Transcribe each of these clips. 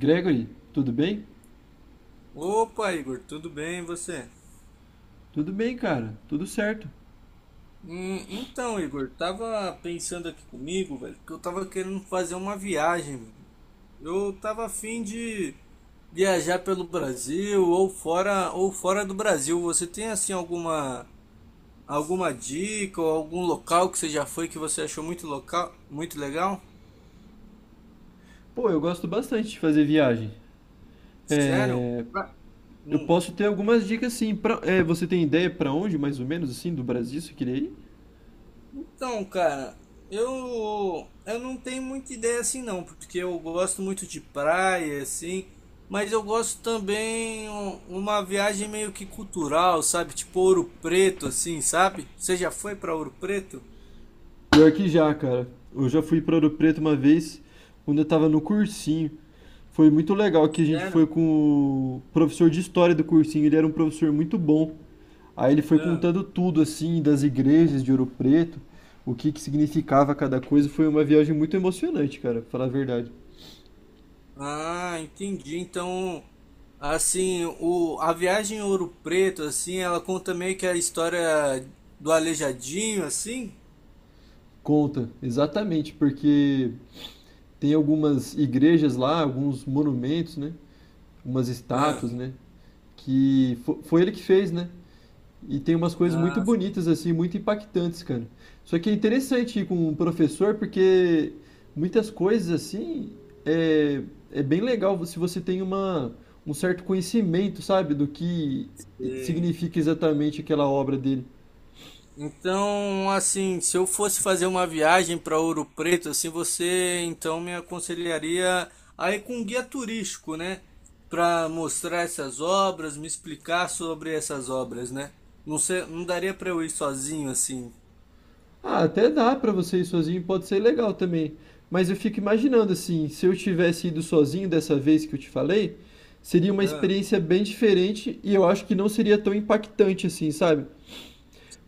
Gregory, tudo bem? Opa, Igor, tudo bem e você? Tudo bem, cara. Tudo certo. Então, Igor, tava pensando aqui comigo, velho, que eu tava querendo fazer uma viagem, mano. Eu tava afim de viajar pelo Brasil ou fora do Brasil. Você tem assim alguma dica ou algum local que você já foi que você achou muito local, muito legal? Pô, eu gosto bastante de fazer viagem. Sério? Pra- Eu Hum. posso ter algumas dicas, sim. Pra, é, você tem ideia pra onde, mais ou menos, assim, do Brasil, você queria ir? Então, cara, eu não tenho muita ideia assim não, porque eu gosto muito de praia assim, mas eu gosto também uma viagem meio que cultural, sabe? Tipo Ouro Preto assim, sabe? Você já foi pra Ouro Preto? Pior que já, cara. Eu já fui pra Ouro Preto uma vez, quando eu tava no cursinho. Foi muito legal que a gente foi Sério? com o professor de história do cursinho. Ele era um professor muito bom. Aí ele foi Ah, contando tudo, assim, das igrejas de Ouro Preto, o que que significava cada coisa. Foi uma viagem muito emocionante, cara, pra falar a verdade. ah, entendi. Então, assim, o a viagem em Ouro Preto assim, ela conta meio que a história do Aleijadinho assim? Conta, exatamente, porque tem algumas igrejas lá, alguns monumentos, né? Umas Ah, estátuas, né? Que foi ele que fez, né? E tem umas coisas muito ah, bonitas, sim. assim, muito impactantes, cara. Só que é interessante ir com um professor, porque muitas coisas, assim, é, é bem legal se você tem uma, um certo conhecimento, sabe? Do que Sim. significa exatamente aquela obra dele. Então, assim, se eu fosse fazer uma viagem para Ouro Preto, assim, você então me aconselharia a ir com um guia turístico, né? Para mostrar essas obras, me explicar sobre essas obras, né? Não sei, não daria para eu ir sozinho assim. Ah, até dá pra você ir sozinho, pode ser legal também. Mas eu fico imaginando assim, se eu tivesse ido sozinho dessa vez que eu te falei, seria uma Ah, experiência bem diferente e eu acho que não seria tão impactante assim, sabe?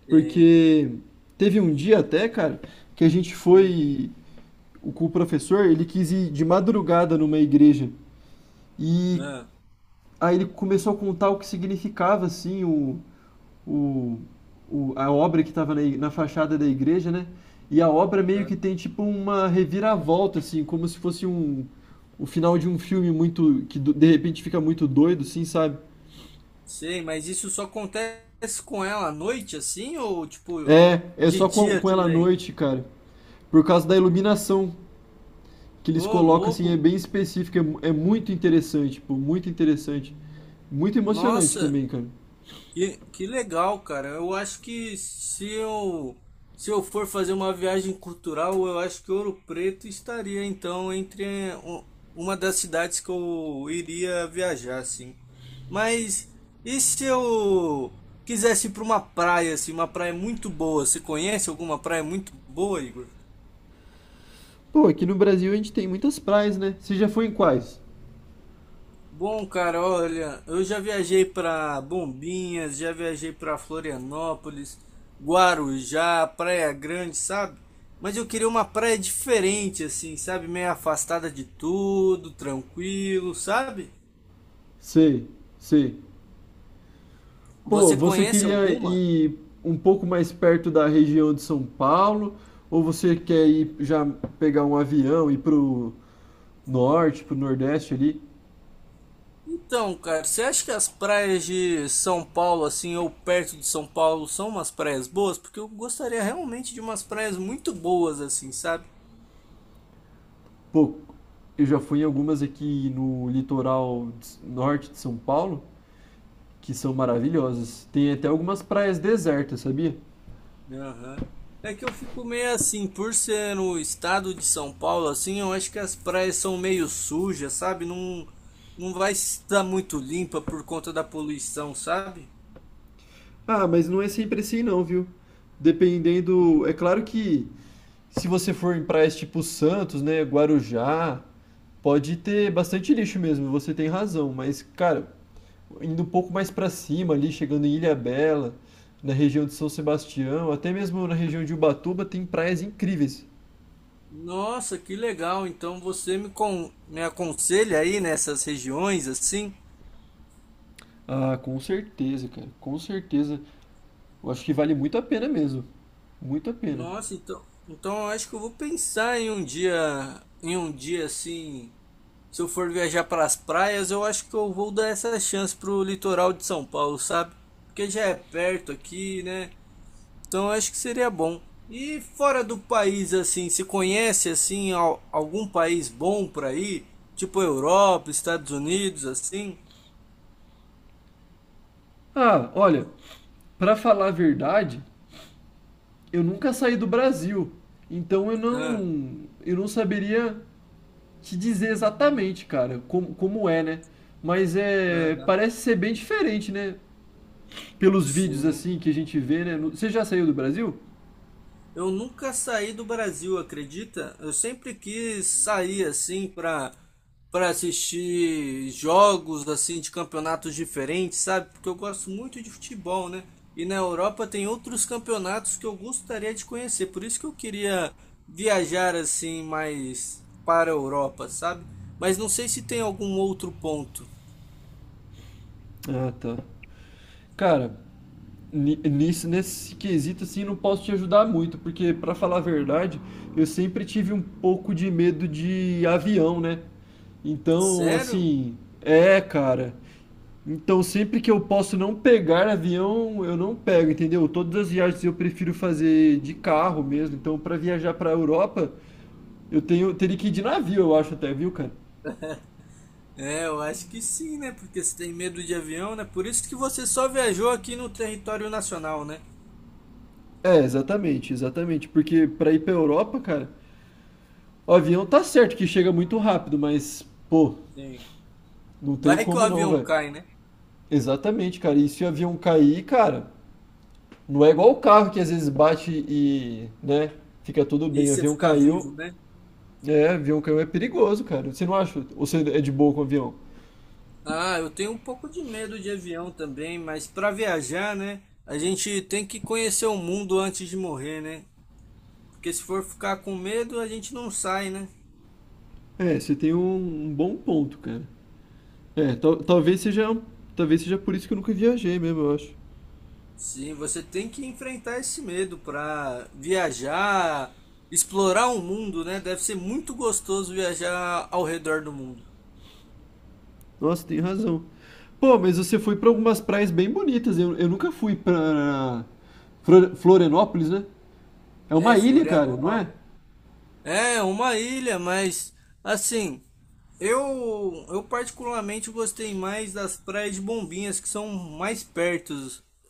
é, Porque teve um dia até, cara, que a gente hum, foi com o professor, ele quis ir de madrugada numa igreja e ah, aí ele começou a contar o que significava assim o, a obra que estava na fachada da igreja, né? E a obra meio ah. que tem tipo uma reviravolta, assim, como se fosse um, o final de um filme muito, que de repente fica muito doido, assim, sabe? Sei, mas isso só acontece com ela à noite, assim, ou tipo É, é de só dia com ela à também? noite, cara. Por causa da iluminação que eles Ô, colocam, assim, é louco! bem específica, é, é muito interessante, pô, muito interessante. Muito emocionante Nossa! também, cara. Que legal, cara. Eu acho que se eu for fazer uma viagem cultural, eu acho que Ouro Preto estaria então entre um- uma das cidades que eu iria viajar, assim. Mas e se eu quisesse ir para uma praia, assim, uma praia muito boa? Você conhece alguma praia muito boa, Igor? Pô, aqui no Brasil a gente tem muitas praias, né? Você já foi em quais? Bom, cara, olha, eu já viajei para Bombinhas, já viajei para Florianópolis, Guarujá, Praia Grande, sabe? Mas eu queria uma praia diferente, assim, sabe? Meio afastada de tudo, tranquilo, sabe? Sei, sei. Pô, Você você conhece queria alguma? ir um pouco mais perto da região de São Paulo, ou você quer ir já pegar um avião e ir pro norte, pro nordeste ali? Então, cara, você acha que as praias de São Paulo, assim, ou perto de São Paulo, são umas praias boas? Porque eu gostaria realmente de umas praias muito boas, assim, sabe? Pô, eu já fui em algumas aqui no litoral de norte de São Paulo, que são maravilhosas. Tem até algumas praias desertas, sabia? Aham. É que eu fico meio assim, por ser no estado de São Paulo, assim, eu acho que as praias são meio sujas, sabe? Não, não vai estar muito limpa por conta da poluição, sabe? Ah, mas não é sempre assim não, viu? Dependendo, é claro que se você for em praias tipo Santos, né, Guarujá, pode ter bastante lixo mesmo, você tem razão, mas cara, indo um pouco mais pra cima ali, chegando em Ilhabela, na região de São Sebastião, até mesmo na região de Ubatuba tem praias incríveis. Nossa, que legal. Então você me aconselha aí nessas regiões, assim? Ah, com certeza, cara, com certeza. Eu acho que vale muito a pena mesmo. Muito a pena. Nossa, então, então eu acho que eu vou pensar em um dia assim. Se eu for viajar para as praias, eu acho que eu vou dar essa chance pro litoral de São Paulo, sabe? Porque já é perto aqui, né? Então eu acho que seria bom. E fora do país, assim, se conhece assim algum país bom para ir? Tipo Europa, Estados Unidos, assim? Ah, olha, pra falar a verdade, eu nunca saí do Brasil, então eu Ah, não eu não saberia te dizer exatamente, cara, como é, né? Mas é, aham. parece ser bem diferente, né? Pelos vídeos Sim. assim que a gente vê, né? Você já saiu do Brasil? Eu nunca saí do Brasil, acredita? Eu sempre quis sair assim para assistir jogos assim de campeonatos diferentes, sabe? Porque eu gosto muito de futebol, né? E na Europa tem outros campeonatos que eu gostaria de conhecer. Por isso que eu queria viajar assim mais para a Europa, sabe? Mas não sei se tem algum outro ponto. Ah, tá. Cara, nisso, nesse quesito assim, não posso te ajudar muito, porque pra falar a verdade, eu sempre tive um pouco de medo de avião, né? Então, Sério? assim, é, cara. Então, sempre que eu posso não pegar avião, eu não pego, entendeu? Todas as viagens eu prefiro fazer de carro mesmo. Então, para viajar para Europa, eu tenho teria que ir de navio, eu acho até, viu, cara? É, eu acho que sim, né? Porque você tem medo de avião, né? Por isso que você só viajou aqui no território nacional, né? É, exatamente, exatamente. Porque para ir para Europa, cara, o avião tá certo que chega muito rápido, mas pô, Sim. não tem Vai que o como não, avião velho. cai, né? Exatamente, cara. E se o avião cair, cara, não é igual o carro que às vezes bate e, né, fica tudo E bem. O você avião ficar caiu, vivo, né? é, avião caiu é perigoso, cara. Você não acha? Ou você é de boa com avião? Ah, eu tenho um pouco de medo de avião também, mas para viajar, né? A gente tem que conhecer o mundo antes de morrer, né? Porque se for ficar com medo, a gente não sai, né? É, você tem um, um bom ponto, cara. É, talvez seja por isso que eu nunca viajei mesmo, eu acho. Sim, você tem que enfrentar esse medo para viajar, explorar o mundo, né? Deve ser muito gostoso viajar ao redor do mundo. Nossa, tem razão. Pô, mas você foi pra algumas praias bem bonitas. Eu nunca fui pra Florianópolis, né? É É, uma ilha, cara, não é? Florianópolis. É uma ilha, mas assim, eu particularmente gostei mais das praias de Bombinhas que são mais perto,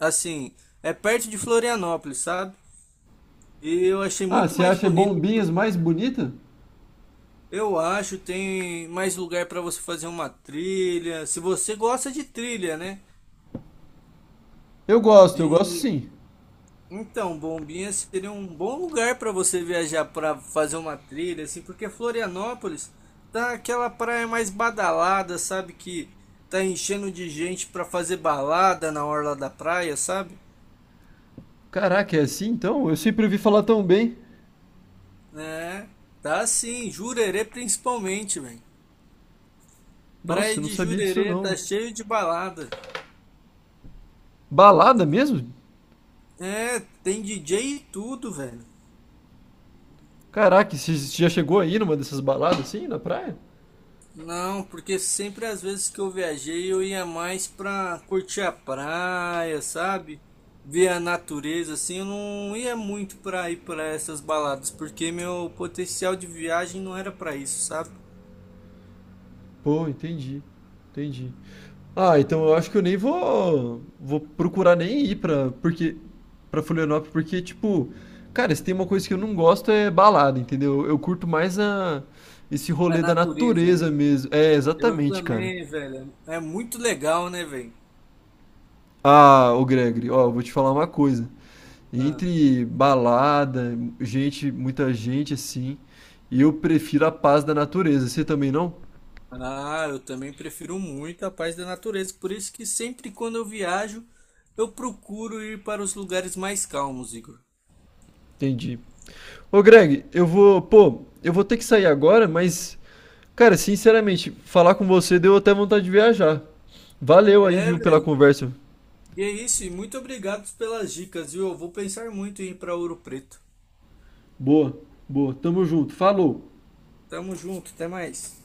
assim, é perto de Florianópolis, sabe? E eu achei Ah, muito você mais acha bonito. Bombinhas mais bonita? Eu acho tem mais lugar para você fazer uma trilha, se você gosta de trilha, né? Eu gosto sim. Então, Bombinhas seria um bom lugar para você viajar para fazer uma trilha, assim, porque Florianópolis tá aquela praia mais badalada, sabe? Que tá enchendo de gente para fazer balada na orla da praia, sabe? Caraca, é assim então? Eu sempre ouvi falar tão bem. É, tá sim, Jurerê principalmente, velho. Nossa, Praia eu não de sabia disso Jurerê tá não. cheio de balada. Balada mesmo? É, tem DJ e tudo, velho. Caraca, você já chegou aí numa dessas baladas assim, na praia? Não, porque sempre às vezes que eu viajei eu ia mais pra curtir a praia, sabe? Ver a natureza, assim, eu não ia muito pra ir pra essas baladas, porque meu potencial de viagem não era pra isso, sabe? Pô, entendi. Entendi. Ah, então eu acho que eu nem vou procurar nem ir pra, porque para Florianópolis, porque tipo, cara, se tem uma coisa que eu não gosto é balada, entendeu? Eu curto mais a esse A rolê da natureza, né? natureza mesmo. É, Eu exatamente, cara. também, velho. É muito legal, né, velho? Ah, ô Gregory, ó, eu vou te falar uma coisa. Ah, Entre balada, gente, muita gente assim, eu prefiro a paz da natureza. Você também não? ah, eu também prefiro muito a paz da natureza. Por isso que sempre quando eu viajo, eu procuro ir para os lugares mais calmos, Igor. Entendi. Ô Greg, eu vou, pô, eu vou ter que sair agora, mas, cara, sinceramente, falar com você deu até vontade de viajar. Valeu aí, É, viu, pela velho. conversa. E é isso, e muito obrigado pelas dicas, viu? Eu vou pensar muito em ir para Ouro Preto. Boa, boa. Tamo junto. Falou. Tamo junto, até mais.